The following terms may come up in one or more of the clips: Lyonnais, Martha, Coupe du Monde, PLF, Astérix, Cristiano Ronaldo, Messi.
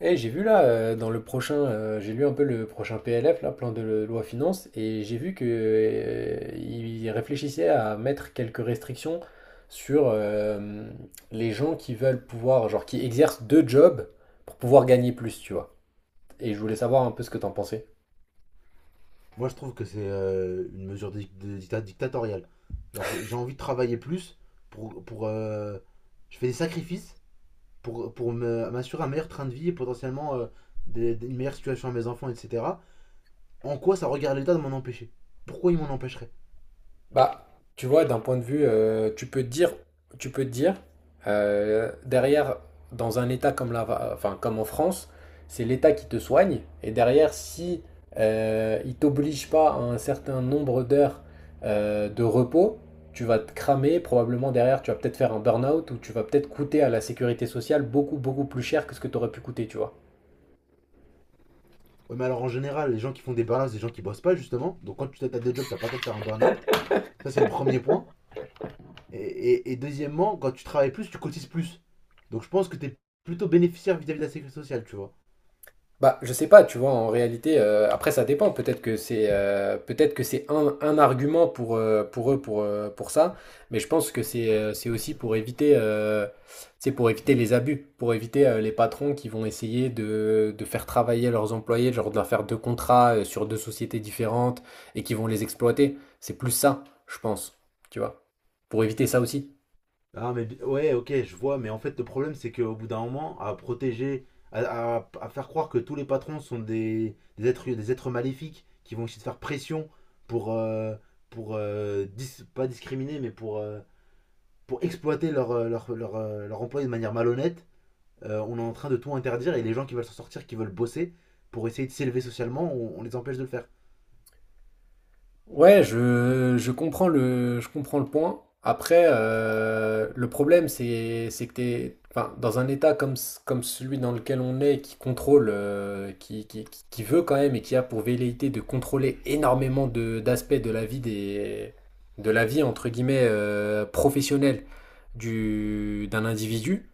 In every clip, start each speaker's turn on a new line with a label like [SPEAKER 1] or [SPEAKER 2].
[SPEAKER 1] Eh, j'ai vu là, dans le prochain, j'ai lu un peu le prochain PLF, là, plan de loi finances, et j'ai vu que, il réfléchissait à mettre quelques restrictions sur les gens qui veulent pouvoir, genre, qui exercent deux jobs pour pouvoir gagner plus, tu vois. Et je voulais savoir un peu ce que t'en pensais.
[SPEAKER 2] Moi, je trouve que c'est une mesure dictatoriale. Genre, j'ai envie de travailler plus pour je fais des sacrifices m'assurer un meilleur train de vie et potentiellement une meilleure situation à mes enfants, etc. En quoi ça regarde l'État de m'en empêcher? Pourquoi il m'en empêcherait?
[SPEAKER 1] Bah, tu vois, d'un point de vue, tu peux te dire, tu peux te dire, derrière, dans un État comme la, enfin, comme en France, c'est l'État qui te soigne, et derrière, si il t'oblige pas à un certain nombre d'heures de repos, tu vas te cramer, probablement derrière, tu vas peut-être faire un burn-out, ou tu vas peut-être coûter à la sécurité sociale beaucoup, beaucoup plus cher que ce que tu aurais pu coûter, tu vois.
[SPEAKER 2] Ouais, mais alors en général, les gens qui font des burn-out, c'est des gens qui bossent pas justement. Donc quand tu as des jobs, t'as pas le temps de faire un burn-out. Ça, c'est le premier point. Et deuxièmement, quand tu travailles plus, tu cotises plus. Donc je pense que t'es plutôt bénéficiaire vis-à-vis de la sécurité sociale, tu vois.
[SPEAKER 1] Bah, je sais pas, tu vois, en réalité, après ça dépend. Peut-être que c'est un argument pour eux pour ça, mais je pense que c'est aussi pour éviter c'est pour éviter les abus, pour éviter les patrons qui vont essayer de, faire travailler leurs employés, genre de leur faire deux contrats sur deux sociétés différentes et qui vont les exploiter. C'est plus ça, je pense, tu vois, pour éviter ça aussi.
[SPEAKER 2] Ah, mais ouais, ok, je vois, mais en fait, le problème, c'est qu'au bout d'un moment, à protéger, à faire croire que tous les patrons sont des êtres maléfiques qui vont essayer de faire pression pour, euh, pas discriminer, mais pour exploiter leur employé de manière malhonnête, on est en train de tout interdire et les gens qui veulent s'en sortir, qui veulent bosser pour essayer de s'élever socialement, on les empêche de le faire.
[SPEAKER 1] Ouais, je comprends le, je comprends le point. Après, le problème, c'est que t'es, enfin, dans un état comme, comme celui dans lequel on est, qui contrôle, qui veut quand même et qui a pour velléité de contrôler énormément de, d'aspects de la vie des, de la vie, entre guillemets, professionnelle du, d'un individu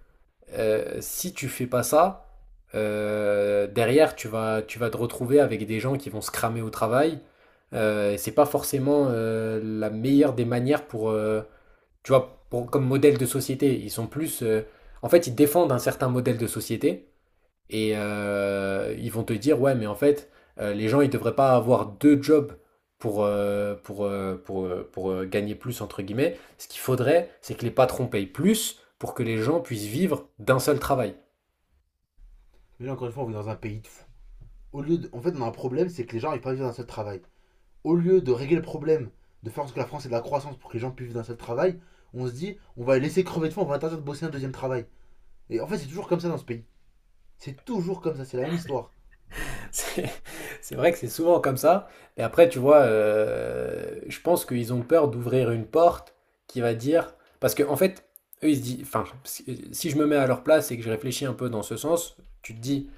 [SPEAKER 1] si tu fais pas ça, derrière, tu vas te retrouver avec des gens qui vont se cramer au travail. Et c'est pas forcément la meilleure des manières pour, tu vois, comme modèle de société. Ils sont plus, en fait, ils défendent un certain modèle de société et ils vont te dire, ouais, mais en fait, les gens, ils devraient pas avoir deux jobs pour, gagner plus, entre guillemets. Ce qu'il faudrait, c'est que les patrons payent plus pour que les gens puissent vivre d'un seul travail.
[SPEAKER 2] Mais là, encore une fois, on vit dans un pays de fous. En fait, on a un problème, c'est que les gens n'arrivent pas à vivre d'un seul travail. Au lieu de régler le problème, de faire en sorte que la France ait de la croissance pour que les gens puissent vivre d'un seul travail, on se dit, on va les laisser crever de faim, on va interdire de bosser un deuxième travail. Et en fait, c'est toujours comme ça dans ce pays. C'est toujours comme ça, c'est la même histoire.
[SPEAKER 1] C'est c'est vrai que c'est souvent comme ça. Et après, tu vois, je pense qu'ils ont peur d'ouvrir une porte qui va dire. Parce que en fait, eux, ils se disent. Enfin, si je me mets à leur place et que je réfléchis un peu dans ce sens, tu te dis,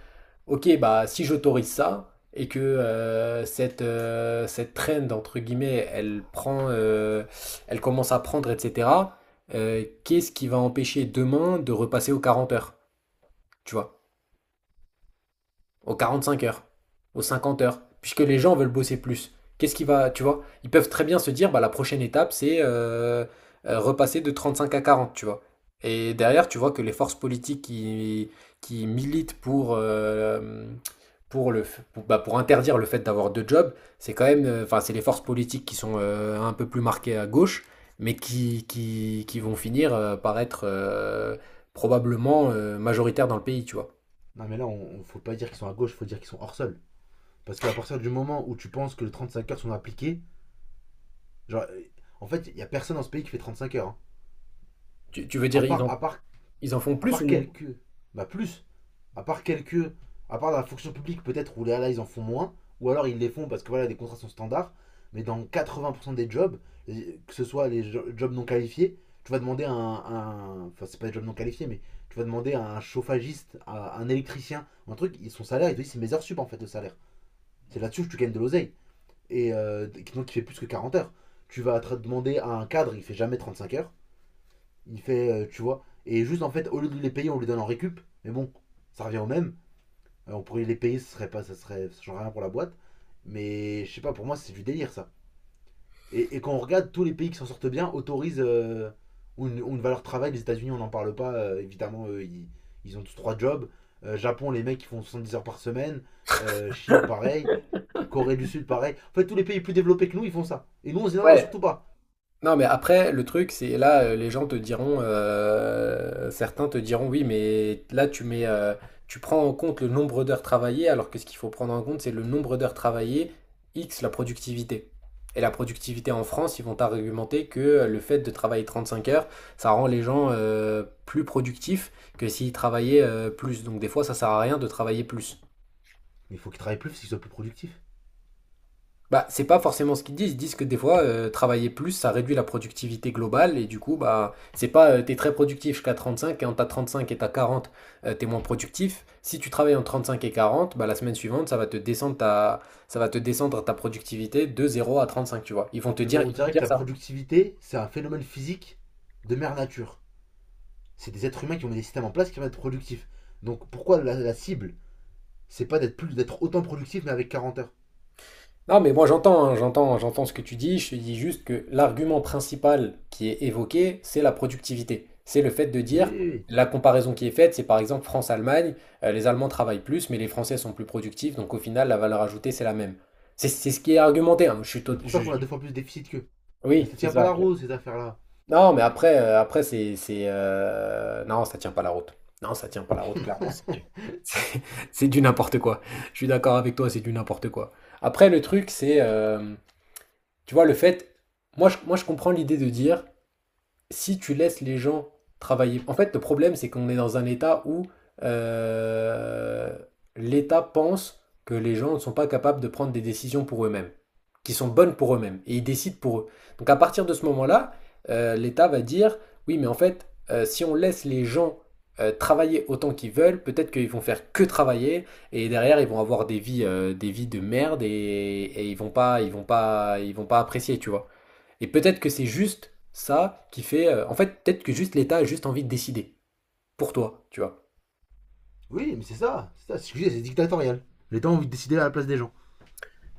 [SPEAKER 1] Ok, bah si j'autorise ça et que cette trend entre guillemets elle prend elle commence à prendre etc. Qu'est-ce qui va empêcher demain de repasser aux 40 heures? Tu vois? Aux 5 heures, aux 50 heures, puisque les gens veulent bosser plus. Qu'est-ce qui va, tu vois, ils peuvent très bien se dire, bah, la prochaine étape, c'est repasser de 35 à 40, tu vois. Et derrière, tu vois que les forces politiques qui militent pour, pour, le, pour interdire le fait d'avoir deux jobs, c'est quand même, enfin, c'est les forces politiques qui sont un peu plus marquées à gauche, mais qui vont finir par être probablement majoritaires dans le pays, tu vois.
[SPEAKER 2] Non, mais là, faut pas dire qu'ils sont à gauche, il faut dire qu'ils sont hors sol. Parce qu'à partir du moment où tu penses que les 35 heures sont appliquées, genre, euh, en fait, il y a personne dans ce pays qui fait 35 heures, hein.
[SPEAKER 1] Tu veux
[SPEAKER 2] À
[SPEAKER 1] dire
[SPEAKER 2] part, à part,
[SPEAKER 1] Ils en font
[SPEAKER 2] à
[SPEAKER 1] plus
[SPEAKER 2] part
[SPEAKER 1] ou moins?
[SPEAKER 2] quelques, bah plus. à part quelques, à part la fonction publique peut-être où là ils en font moins, ou alors ils les font parce que voilà les contrats sont standards, mais dans 80% des jobs, que ce soit les jobs non qualifiés, tu vas demander à enfin c'est pas des jobs non qualifiés, mais tu vas demander à un chauffagiste, à un électricien, un truc, son salaire, il te dit c'est mes heures sup en fait de salaire. C'est là-dessus que tu gagnes de l'oseille. Et euh, donc il fait plus que 40 heures. Tu vas te demander à un cadre, il fait jamais 35 heures. Il fait, tu vois. Et juste en fait, au lieu de les payer, on les donne en récup. Mais bon, ça revient au même. On pourrait les payer, ce serait pas, ça serait, ça changerait rien pour la boîte. Mais je sais pas, pour moi, c'est du délire ça. Et quand on regarde, tous les pays qui s'en sortent bien autorisent une valeur travail. Les États-Unis, on n'en parle pas. Évidemment, eux, ils ont tous trois jobs. Japon, les mecs, qui font 70 heures par semaine. Chine, pareil. Corée du Sud, pareil. En fait, tous les pays plus développés que nous, ils font ça. Et nous, on se dit non, non,
[SPEAKER 1] Ouais.
[SPEAKER 2] surtout pas.
[SPEAKER 1] Non, mais après, le truc, c'est là, les gens te diront, certains te diront, oui, mais là, tu mets, tu prends en compte le nombre d'heures travaillées, alors que ce qu'il faut prendre en compte, c'est le nombre d'heures travaillées, X, la productivité. Et la productivité en France, ils vont t'argumenter que le fait de travailler 35 heures, ça rend les gens plus productifs que s'ils travaillaient plus. Donc des fois, ça sert à rien de travailler plus.
[SPEAKER 2] Mais il faut qu'ils travaillent plus, parce qu'ils soient plus productifs.
[SPEAKER 1] Bah, c'est pas forcément ce qu'ils disent. Ils disent que des fois, travailler plus, ça réduit la productivité globale et du coup, bah, c'est pas t'es très productif jusqu'à 35 et en t'as cinq et t'as 40 t'es moins productif. Si tu travailles en 35 et 40 bah, la semaine suivante, ça va te descendre ta productivité de 0 à 35 tu vois. Ils vont te
[SPEAKER 2] Non, mais
[SPEAKER 1] dire,
[SPEAKER 2] on dirait que la
[SPEAKER 1] ça.
[SPEAKER 2] productivité, c'est un phénomène physique de mère nature. C'est des êtres humains qui ont mis des systèmes en place qui vont être productifs. Donc pourquoi la cible, c'est pas d'être autant productif mais avec 40 heures?
[SPEAKER 1] Non, mais moi j'entends, hein, j'entends, ce que tu dis. Je te dis juste que l'argument principal qui est évoqué, c'est la productivité. C'est le fait de
[SPEAKER 2] Oui,
[SPEAKER 1] dire,
[SPEAKER 2] oui, oui.
[SPEAKER 1] la comparaison qui est faite, c'est par exemple France-Allemagne. Les Allemands travaillent plus, mais les Français sont plus productifs, donc au final, la valeur ajoutée, c'est la même. C'est ce qui est argumenté, hein. Je suis
[SPEAKER 2] C'est
[SPEAKER 1] tot-
[SPEAKER 2] pour ça qu'on
[SPEAKER 1] je-
[SPEAKER 2] a deux fois plus de déficit qu'eux. Mais
[SPEAKER 1] Oui,
[SPEAKER 2] ça
[SPEAKER 1] c'est
[SPEAKER 2] tient pas
[SPEAKER 1] ça.
[SPEAKER 2] la roue cette affaire-là.
[SPEAKER 1] Non, mais après, après non, ça tient pas la route. Non, ça tient pas la route, clairement. C'est du, c'est c'est du n'importe quoi. Je suis d'accord avec toi, c'est du n'importe quoi. Après, le truc, c'est tu vois, le fait. Moi, je comprends l'idée de dire si tu laisses les gens travailler. En fait, le problème, c'est qu'on est dans un état où euh, l'État pense que les gens ne sont pas capables de prendre des décisions pour eux-mêmes, qui sont bonnes pour eux-mêmes, et ils décident pour eux. Donc à partir de ce moment-là, l'État va dire, oui, mais en fait, si on laisse les gens travailler autant qu'ils veulent, peut-être qu'ils vont faire que travailler, et derrière, ils vont avoir des vies de merde, et, ils vont pas apprécier, tu vois. Et peut-être que c'est juste ça qui fait. En fait, peut-être que juste l'État a juste envie de décider pour toi, tu vois.
[SPEAKER 2] Oui, mais c'est ça. C'est ça. Excusez, c'est dictatorial. Les L'État ont envie de décider à la place des gens.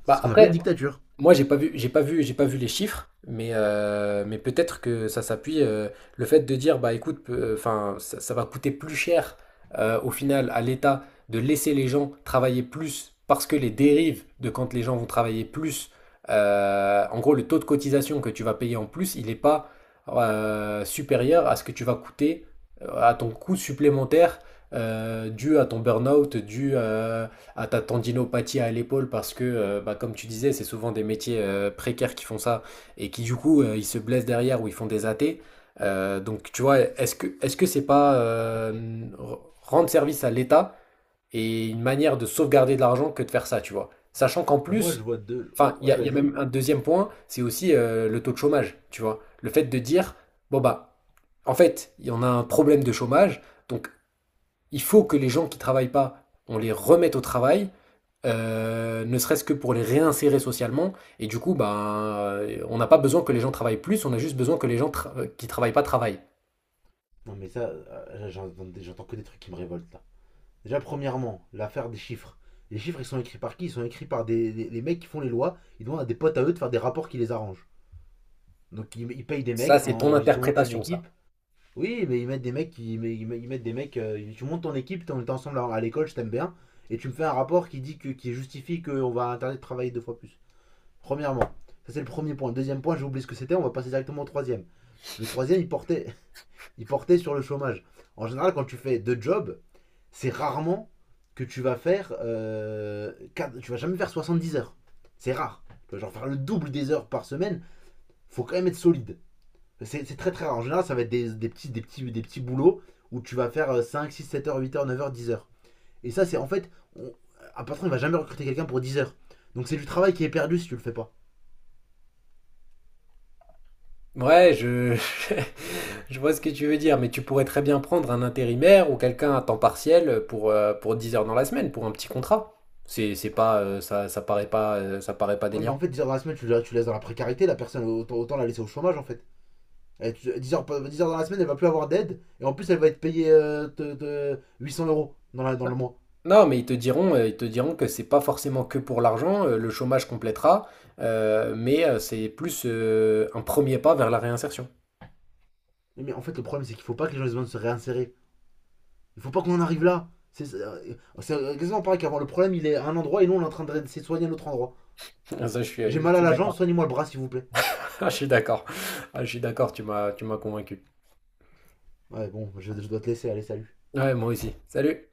[SPEAKER 2] C'est
[SPEAKER 1] Bah
[SPEAKER 2] ce qu'on appelle une
[SPEAKER 1] après,
[SPEAKER 2] dictature.
[SPEAKER 1] moi, j'ai pas vu les chiffres, mais peut-être que ça s'appuie. Le fait de dire, bah écoute, enfin, ça va coûter plus cher au final à l'État de laisser les gens travailler plus parce que les dérives de quand les gens vont travailler plus, en gros, le taux de cotisation que tu vas payer en plus, il n'est pas supérieur à ce que tu vas coûter, à ton coût supplémentaire dû à ton burn-out, dû à ta tendinopathie à l'épaule parce que, bah, comme tu disais, c'est souvent des métiers précaires qui font ça et qui, du coup, ils se blessent derrière ou ils font des athées. Donc, tu vois, est-ce que c'est pas rendre service à l'État et une manière de sauvegarder de l'argent que de faire ça, tu vois? Sachant qu'en
[SPEAKER 2] Pour moi, je
[SPEAKER 1] plus,
[SPEAKER 2] vois deux.
[SPEAKER 1] enfin,
[SPEAKER 2] Ouais,
[SPEAKER 1] il y a
[SPEAKER 2] vas-y.
[SPEAKER 1] même un deuxième point, c'est aussi le taux de chômage, tu vois? Le fait de dire, bon, bah, en fait, il y en a un problème de chômage, donc il faut que les gens qui travaillent pas, on les remette au travail, ne serait-ce que pour les réinsérer socialement. Et du coup, ben, on n'a pas besoin que les gens travaillent plus, on a juste besoin que les gens qui travaillent pas travaillent.
[SPEAKER 2] Non, mais ça, j'entends que des trucs qui me révoltent là. Déjà, premièrement, l'affaire des chiffres. Les chiffres, ils sont écrits par qui? Ils sont écrits par les mecs qui font les lois. Ils demandent à des potes à eux de faire des rapports qui les arrangent. Donc ils payent des
[SPEAKER 1] Ça,
[SPEAKER 2] mecs
[SPEAKER 1] c'est ton
[SPEAKER 2] tu montes une
[SPEAKER 1] interprétation,
[SPEAKER 2] équipe.
[SPEAKER 1] ça.
[SPEAKER 2] Oui, mais ils mettent des mecs tu montes ton équipe, on est ensemble à l'école, je t'aime bien et tu me fais un rapport qui dit que qui justifie qu'on va interdire de travailler deux fois plus. Premièrement, ça c'est le premier point. Le deuxième point, j'ai oublié ce que c'était, on va passer directement au troisième. Le troisième, il portait il portait sur le chômage. En général, quand tu fais deux jobs, c'est rarement que tu vas faire tu vas jamais faire 70 heures. C'est rare. Tu vas genre faire le double des heures par semaine, faut quand même être solide. C'est très très rare. En général, ça va être des petits, des, petits, des petits boulots où tu vas faire 5 6 7 heures, 8 heures, 9 heures, 10 heures. Et ça, c'est en fait, on- un patron, il va jamais recruter quelqu'un pour 10 heures. Donc c'est du travail qui est perdu si tu le fais pas.
[SPEAKER 1] Ouais, je vois ce que tu veux dire, mais tu pourrais très bien prendre un intérimaire ou quelqu'un à temps partiel pour 10 heures dans la semaine, pour un petit contrat. C'est pas, ça, ça paraît pas
[SPEAKER 2] Ouais, mais en
[SPEAKER 1] délirant.
[SPEAKER 2] fait, 10 heures dans la semaine, tu laisses dans la précarité, la personne, autant la laisser au chômage en fait. Dix heures dans la semaine, elle va plus avoir d'aide. Et en plus, elle va être payée de 800 € dans le mois.
[SPEAKER 1] Non, mais ils te diront, que c'est pas forcément que pour l'argent, le chômage complétera, mais c'est plus un premier pas vers la réinsertion.
[SPEAKER 2] Mais en fait, le problème, c'est qu'il faut pas que les gens aient besoin de se réinsérer. Il faut pas qu'on en arrive là. C'est exactement pareil qu'avant. Le problème, il est à un endroit et nous, on est en train de s'éloigner à un autre endroit.
[SPEAKER 1] Ah, ça,
[SPEAKER 2] J'ai
[SPEAKER 1] je
[SPEAKER 2] mal à
[SPEAKER 1] suis
[SPEAKER 2] la jambe,
[SPEAKER 1] d'accord.
[SPEAKER 2] soignez-moi le bras s'il vous plaît.
[SPEAKER 1] Ah, je suis d'accord. Ah, je suis d'accord, tu m'as convaincu.
[SPEAKER 2] Ouais, bon, je dois te laisser, allez, salut.
[SPEAKER 1] Ouais, moi aussi. Salut.